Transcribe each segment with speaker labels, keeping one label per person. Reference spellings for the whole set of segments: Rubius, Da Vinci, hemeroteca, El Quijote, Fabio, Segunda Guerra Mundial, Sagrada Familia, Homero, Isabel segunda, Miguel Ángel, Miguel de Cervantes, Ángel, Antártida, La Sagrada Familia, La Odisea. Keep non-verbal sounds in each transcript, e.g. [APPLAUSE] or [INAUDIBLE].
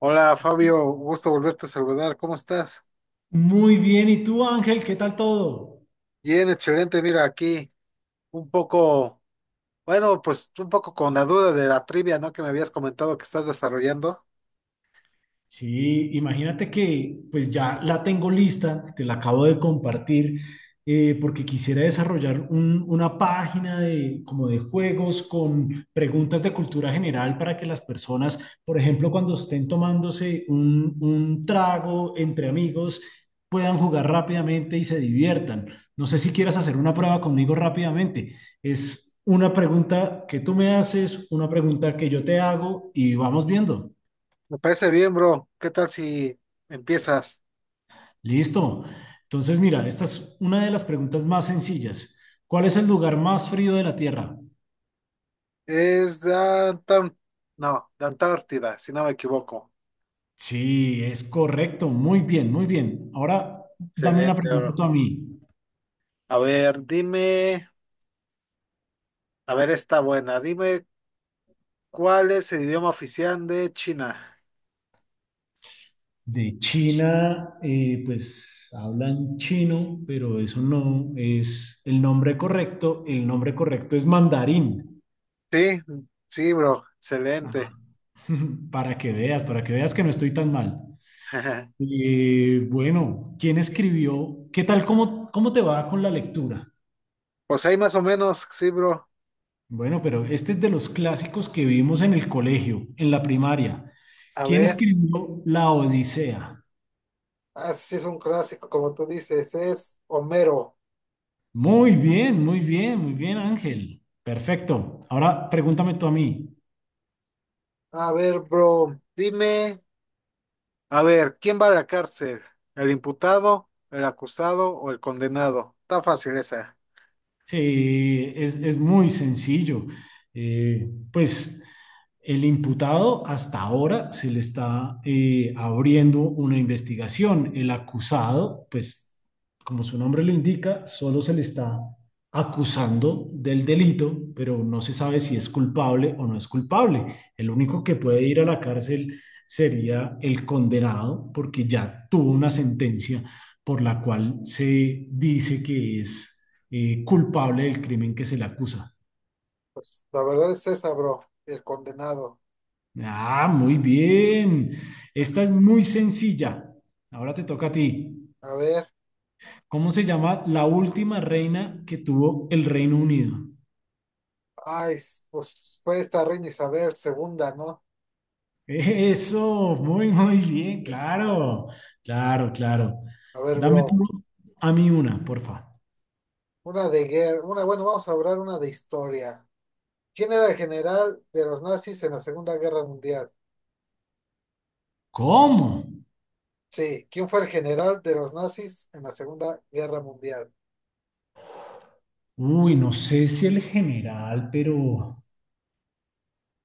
Speaker 1: Hola Fabio, gusto volverte a saludar. ¿Cómo estás?
Speaker 2: Muy bien, ¿y tú, Ángel? ¿Qué tal todo?
Speaker 1: Bien, excelente. Mira, aquí un poco, bueno, pues un poco con la duda de la trivia, ¿no? Que me habías comentado que estás desarrollando.
Speaker 2: Sí, imagínate que pues ya la tengo lista, te la acabo de compartir, porque quisiera desarrollar una página de, como de juegos con preguntas de cultura general para que las personas, por ejemplo, cuando estén tomándose un trago entre amigos, puedan jugar rápidamente y se diviertan. No sé si quieras hacer una prueba conmigo rápidamente. Es una pregunta que tú me haces, una pregunta que yo te hago y vamos viendo.
Speaker 1: Me parece bien, bro. ¿Qué tal si empiezas?
Speaker 2: Listo. Entonces, mira, esta es una de las preguntas más sencillas. ¿Cuál es el lugar más frío de la Tierra?
Speaker 1: Es de no, de Antártida, si no me equivoco.
Speaker 2: Sí, es correcto. Muy bien, muy bien. Ahora, dame una
Speaker 1: Excelente,
Speaker 2: pregunta
Speaker 1: bro.
Speaker 2: tú a mí.
Speaker 1: A ver, dime, a ver, está buena. Dime, ¿cuál es el idioma oficial de China?
Speaker 2: De China, pues hablan chino, pero eso no es el nombre correcto. El nombre correcto es mandarín.
Speaker 1: Sí, sí, bro. Excelente.
Speaker 2: Ah, [LAUGHS] para que veas, para que veas que no estoy tan mal.
Speaker 1: [LAUGHS]
Speaker 2: Bueno, ¿quién escribió? ¿Qué tal? Cómo te va con la lectura?
Speaker 1: Pues ahí más o menos, sí, bro.
Speaker 2: Bueno, pero este es de los clásicos que vimos en el colegio, en la primaria.
Speaker 1: A
Speaker 2: ¿Quién
Speaker 1: ver,
Speaker 2: escribió La Odisea?
Speaker 1: así es un clásico, como tú dices, es Homero.
Speaker 2: Muy bien, muy bien, muy bien, Ángel. Perfecto. Ahora pregúntame tú a mí.
Speaker 1: A ver, bro, dime, a ver, ¿quién va a la cárcel? ¿El imputado, el acusado o el condenado? Está fácil esa.
Speaker 2: Sí, es muy sencillo. Pues el imputado hasta ahora se le está abriendo una investigación. El acusado, pues como su nombre lo indica, solo se le está acusando del delito, pero no se sabe si es culpable o no es culpable. El único que puede ir a la cárcel sería el condenado porque ya tuvo una sentencia por la cual se dice que es culpable del crimen que se le acusa.
Speaker 1: Pues la verdad es esa, bro, el condenado.
Speaker 2: Ah, muy bien. Esta es muy sencilla. Ahora te toca a ti.
Speaker 1: A ver,
Speaker 2: ¿Cómo se llama la última reina que tuvo el Reino Unido?
Speaker 1: ay, pues fue esta reina Isabel segunda, ¿no?
Speaker 2: Eso, muy, muy bien, claro, claro, claro.
Speaker 1: A ver,
Speaker 2: Dame tú
Speaker 1: bro,
Speaker 2: a mí una, porfa.
Speaker 1: una de guerra, una, bueno, vamos a hablar una de historia. ¿Quién era el general de los nazis en la Segunda Guerra Mundial?
Speaker 2: ¿Cómo?
Speaker 1: Sí, ¿quién fue el general de los nazis en la Segunda Guerra Mundial?
Speaker 2: Uy, no sé si el general, pero...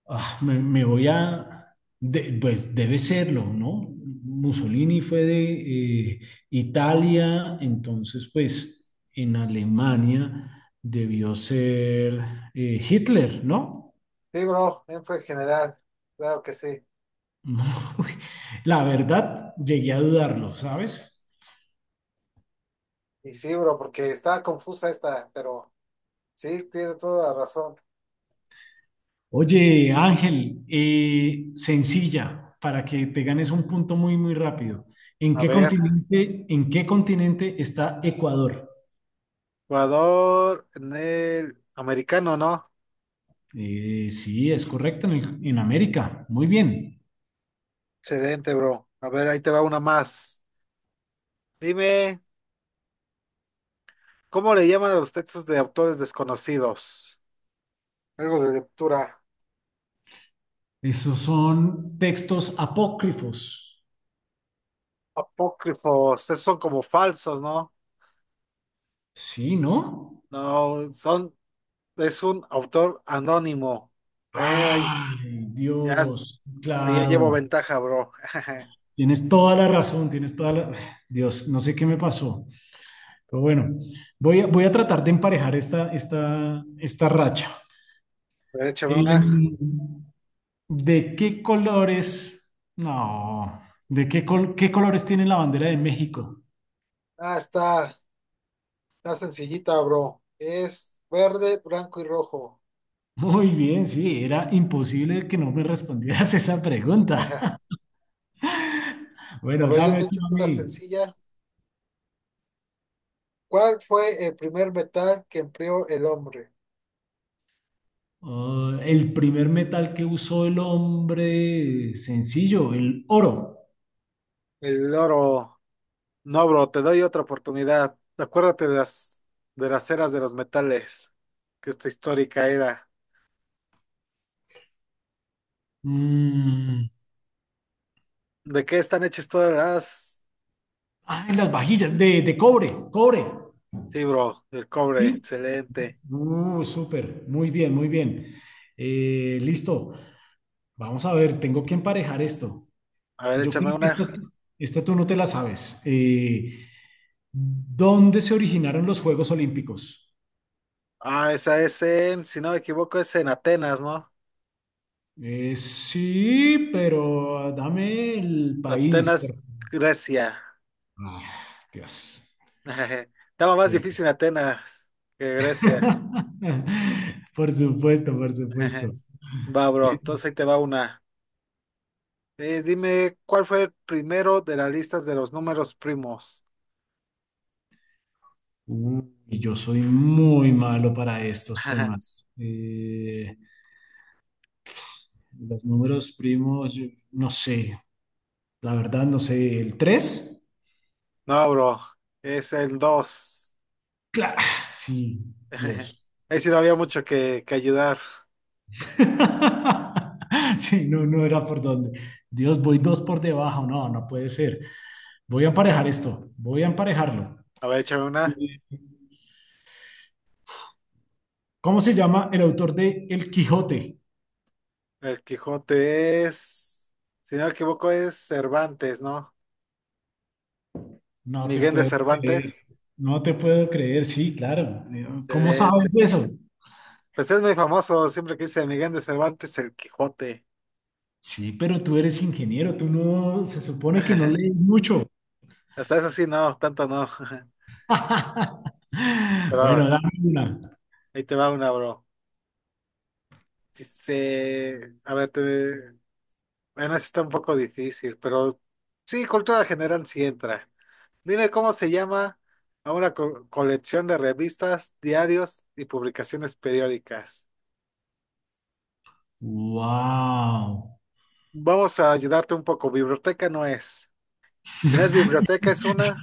Speaker 2: Ah, me voy a, pues debe serlo, ¿no? Mussolini fue de Italia, entonces pues en Alemania debió ser Hitler, ¿no?
Speaker 1: Sí, bro, él fue el general, claro que sí.
Speaker 2: [LAUGHS] Uy, la verdad, llegué a dudarlo, ¿sabes?
Speaker 1: Y sí, bro, porque está confusa esta, pero sí, tiene toda la razón.
Speaker 2: Oye, Ángel, sencilla, para que te ganes un punto muy, muy rápido.
Speaker 1: A ver,
Speaker 2: En qué continente está Ecuador?
Speaker 1: jugador en el americano, ¿no?
Speaker 2: Sí, es correcto, en América. Muy bien.
Speaker 1: Excelente, bro. A ver, ahí te va una más. Dime, ¿cómo le llaman a los textos de autores desconocidos? Algo de lectura.
Speaker 2: Esos son textos apócrifos.
Speaker 1: Apócrifos, esos son como falsos, ¿no?
Speaker 2: Sí, ¿no?
Speaker 1: No, son es un autor anónimo. Ey,
Speaker 2: Ay,
Speaker 1: ya, es-
Speaker 2: Dios,
Speaker 1: ya llevo
Speaker 2: claro.
Speaker 1: ventaja, bro. [LAUGHS]
Speaker 2: Tienes toda la razón, tienes toda la... [SIGHS] Dios, no sé qué me pasó. Pero bueno, voy a, voy a tratar de emparejar esta racha.
Speaker 1: Pero échame una.
Speaker 2: Em, ¿De qué colores? No, ¿de qué, qué colores tiene la bandera de México?
Speaker 1: Ah, está sencillita, bro. Es verde, blanco y rojo.
Speaker 2: Muy bien, sí, era imposible que no me respondieras esa pregunta. [LAUGHS]
Speaker 1: [LAUGHS] A
Speaker 2: Bueno,
Speaker 1: ver, yo
Speaker 2: dame
Speaker 1: te
Speaker 2: tú
Speaker 1: echo
Speaker 2: a
Speaker 1: una
Speaker 2: mí.
Speaker 1: sencilla. ¿Cuál fue el primer metal que empleó el hombre?
Speaker 2: Ah, el primer metal que usó el hombre sencillo, el oro.
Speaker 1: El oro. No, bro, te doy otra oportunidad. Acuérdate de de las eras de los metales, que esta histórica era.
Speaker 2: Mm,
Speaker 1: ¿De qué están hechas todas las?
Speaker 2: ah, las vajillas de cobre, cobre.
Speaker 1: Sí, bro, el cobre,
Speaker 2: ¿Sí?
Speaker 1: excelente.
Speaker 2: Súper, muy bien, muy bien. Listo. Vamos a ver, tengo que emparejar esto.
Speaker 1: A ver,
Speaker 2: Yo
Speaker 1: échame
Speaker 2: creo que
Speaker 1: una.
Speaker 2: esta tú no te la sabes. ¿Dónde se originaron los Juegos Olímpicos?
Speaker 1: Ah, esa es en, si no me equivoco, es en Atenas, ¿no?
Speaker 2: Sí, pero dame el país,
Speaker 1: Atenas,
Speaker 2: por favor.
Speaker 1: Grecia.
Speaker 2: Ah, Dios.
Speaker 1: [LAUGHS] Estaba más
Speaker 2: Sí.
Speaker 1: difícil Atenas que Grecia.
Speaker 2: [LAUGHS] Por supuesto, por
Speaker 1: [LAUGHS] Ajá.
Speaker 2: supuesto.
Speaker 1: Va, bro,
Speaker 2: Listo.
Speaker 1: entonces ahí te va una. Dime, ¿cuál fue el primero de las listas de los números primos?
Speaker 2: Uy, yo soy muy malo para estos
Speaker 1: [LAUGHS]
Speaker 2: temas. Los números primos, yo no sé. La verdad, no sé. ¿El 3,
Speaker 1: No, bro, es el 2.
Speaker 2: claro. Sí,
Speaker 1: [LAUGHS]
Speaker 2: Dios.
Speaker 1: Ahí sí no había mucho que ayudar.
Speaker 2: [LAUGHS] Sí, no, no era por dónde. Dios, voy dos por debajo. No, no puede ser. Voy a emparejar esto, voy a emparejarlo.
Speaker 1: A ver, échame una.
Speaker 2: ¿Cómo se llama el autor de El Quijote?
Speaker 1: El Quijote es, si no me equivoco, es Cervantes, ¿no?
Speaker 2: No te
Speaker 1: Miguel de
Speaker 2: puedo creer,
Speaker 1: Cervantes.
Speaker 2: no te puedo creer, sí, claro. ¿Cómo
Speaker 1: Excelente.
Speaker 2: sabes eso?
Speaker 1: Pues es muy famoso, siempre que dice Miguel de Cervantes, el Quijote.
Speaker 2: Sí, pero tú eres ingeniero, tú no, se supone que no
Speaker 1: [LAUGHS]
Speaker 2: lees mucho.
Speaker 1: Hasta eso sí, no, tanto no. [LAUGHS]
Speaker 2: [LAUGHS]
Speaker 1: Pero
Speaker 2: Bueno, dame una.
Speaker 1: ahí te va una, bro. Dice, a ver, te... bueno, eso está un poco difícil, pero sí, cultura general sí entra. Dime cómo se llama a una colección de revistas, diarios y publicaciones periódicas.
Speaker 2: Wow.
Speaker 1: Vamos a ayudarte un poco. Biblioteca no es. Si no es biblioteca, es una.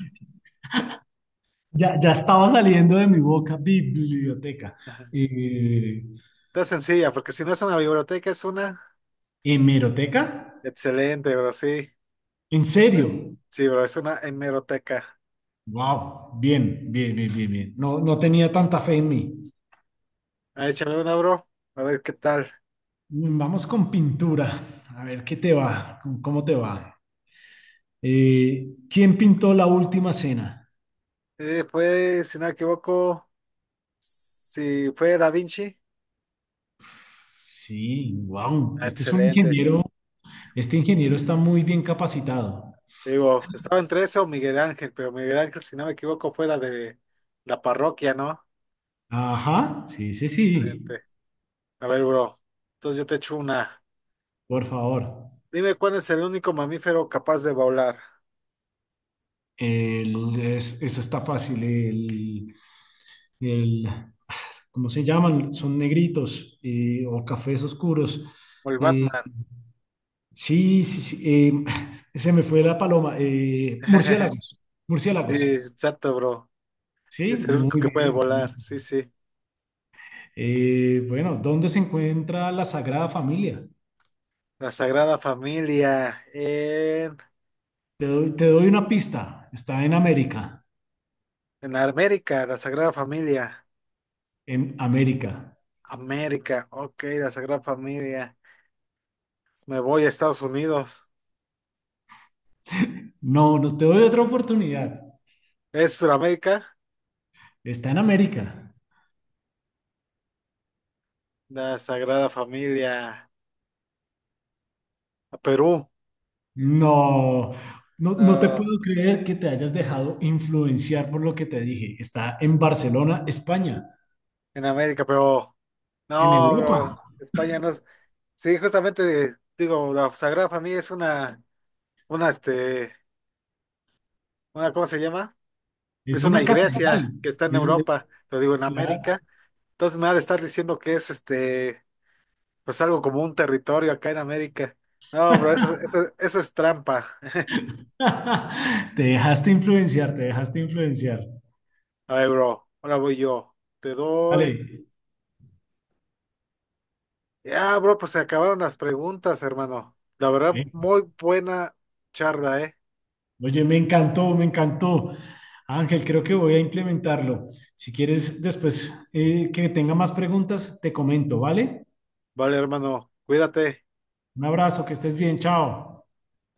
Speaker 2: Ya, ya estaba saliendo de mi boca biblioteca.
Speaker 1: Ajá.
Speaker 2: Eh,
Speaker 1: Está sencilla, porque si no es una biblioteca, es una.
Speaker 2: ¿Hemeroteca?
Speaker 1: Excelente, bro, sí.
Speaker 2: ¿En serio?
Speaker 1: Sí, bro, es una hemeroteca.
Speaker 2: Wow, bien, bien, bien, bien, bien. No, no tenía tanta fe en
Speaker 1: Ujú.
Speaker 2: mí.
Speaker 1: Ah, échame una, bro. A ver qué tal.
Speaker 2: Mm, vamos con pintura. A ver qué te va, con cómo te va. ¿Quién pintó la última cena?
Speaker 1: Fue, si no me equivoco, si fue Da Vinci.
Speaker 2: Sí, wow.
Speaker 1: Ah,
Speaker 2: Este es un
Speaker 1: excelente.
Speaker 2: ingeniero. Este ingeniero está muy bien capacitado.
Speaker 1: Digo, estaba entre eso o Miguel Ángel, pero Miguel Ángel, si no me equivoco, fue la de la parroquia, ¿no?
Speaker 2: Ajá, sí, sí, sí.
Speaker 1: Excelente. A ver, bro. Entonces yo te echo una.
Speaker 2: Por favor.
Speaker 1: Dime cuál es el único mamífero capaz de volar.
Speaker 2: El, esa está fácil. El- ¿Cómo se llaman? Son negritos o cafés oscuros.
Speaker 1: O el
Speaker 2: Eh,
Speaker 1: Batman.
Speaker 2: Sí, sí, sí. [SIGHS] Se me fue la paloma.
Speaker 1: [LAUGHS] Sí,
Speaker 2: Murciélagos.
Speaker 1: exacto, bro.
Speaker 2: Sí,
Speaker 1: Es el
Speaker 2: muy
Speaker 1: único que puede
Speaker 2: bien. Sí,
Speaker 1: volar.
Speaker 2: sí, sí.
Speaker 1: Sí, sí.
Speaker 2: Bueno, ¿dónde se encuentra la Sagrada Familia?
Speaker 1: La Sagrada Familia.
Speaker 2: Te doy una pista. Está en América.
Speaker 1: En América, la Sagrada Familia.
Speaker 2: En América.
Speaker 1: América. Ok, la Sagrada Familia. Me voy a Estados Unidos.
Speaker 2: No, no te doy otra oportunidad.
Speaker 1: ¿Es Sudamérica?
Speaker 2: Está en América.
Speaker 1: La Sagrada Familia. A Perú.
Speaker 2: No, no, no te
Speaker 1: No,
Speaker 2: puedo creer que te hayas dejado influenciar por lo que te dije. Está en Barcelona, España,
Speaker 1: en América, pero.
Speaker 2: en
Speaker 1: No, bro.
Speaker 2: Europa.
Speaker 1: España no es. Sí, justamente digo, la Sagrada Familia es una. Una, este, una, ¿cómo se llama?
Speaker 2: Es
Speaker 1: Es una
Speaker 2: una catedral.
Speaker 1: iglesia que está en Europa, lo digo en
Speaker 2: Claro.
Speaker 1: América. Entonces me van a estar diciendo que es, este, pues algo como un territorio acá en América. No, bro, eso es trampa. [LAUGHS]
Speaker 2: [LAUGHS] Te dejaste influenciar, te dejaste influenciar.
Speaker 1: A ver, bro, ahora voy yo. Te doy.
Speaker 2: Vale.
Speaker 1: Ya, bro, pues se acabaron las preguntas, hermano. La verdad,
Speaker 2: ¿Ves?
Speaker 1: muy buena charla, ¿eh?
Speaker 2: Oye, me encantó, me encantó. Ángel, creo que voy a implementarlo. Si quieres, después que tenga más preguntas, te comento, ¿vale?
Speaker 1: Vale, hermano, cuídate.
Speaker 2: Un abrazo, que estés bien, chao.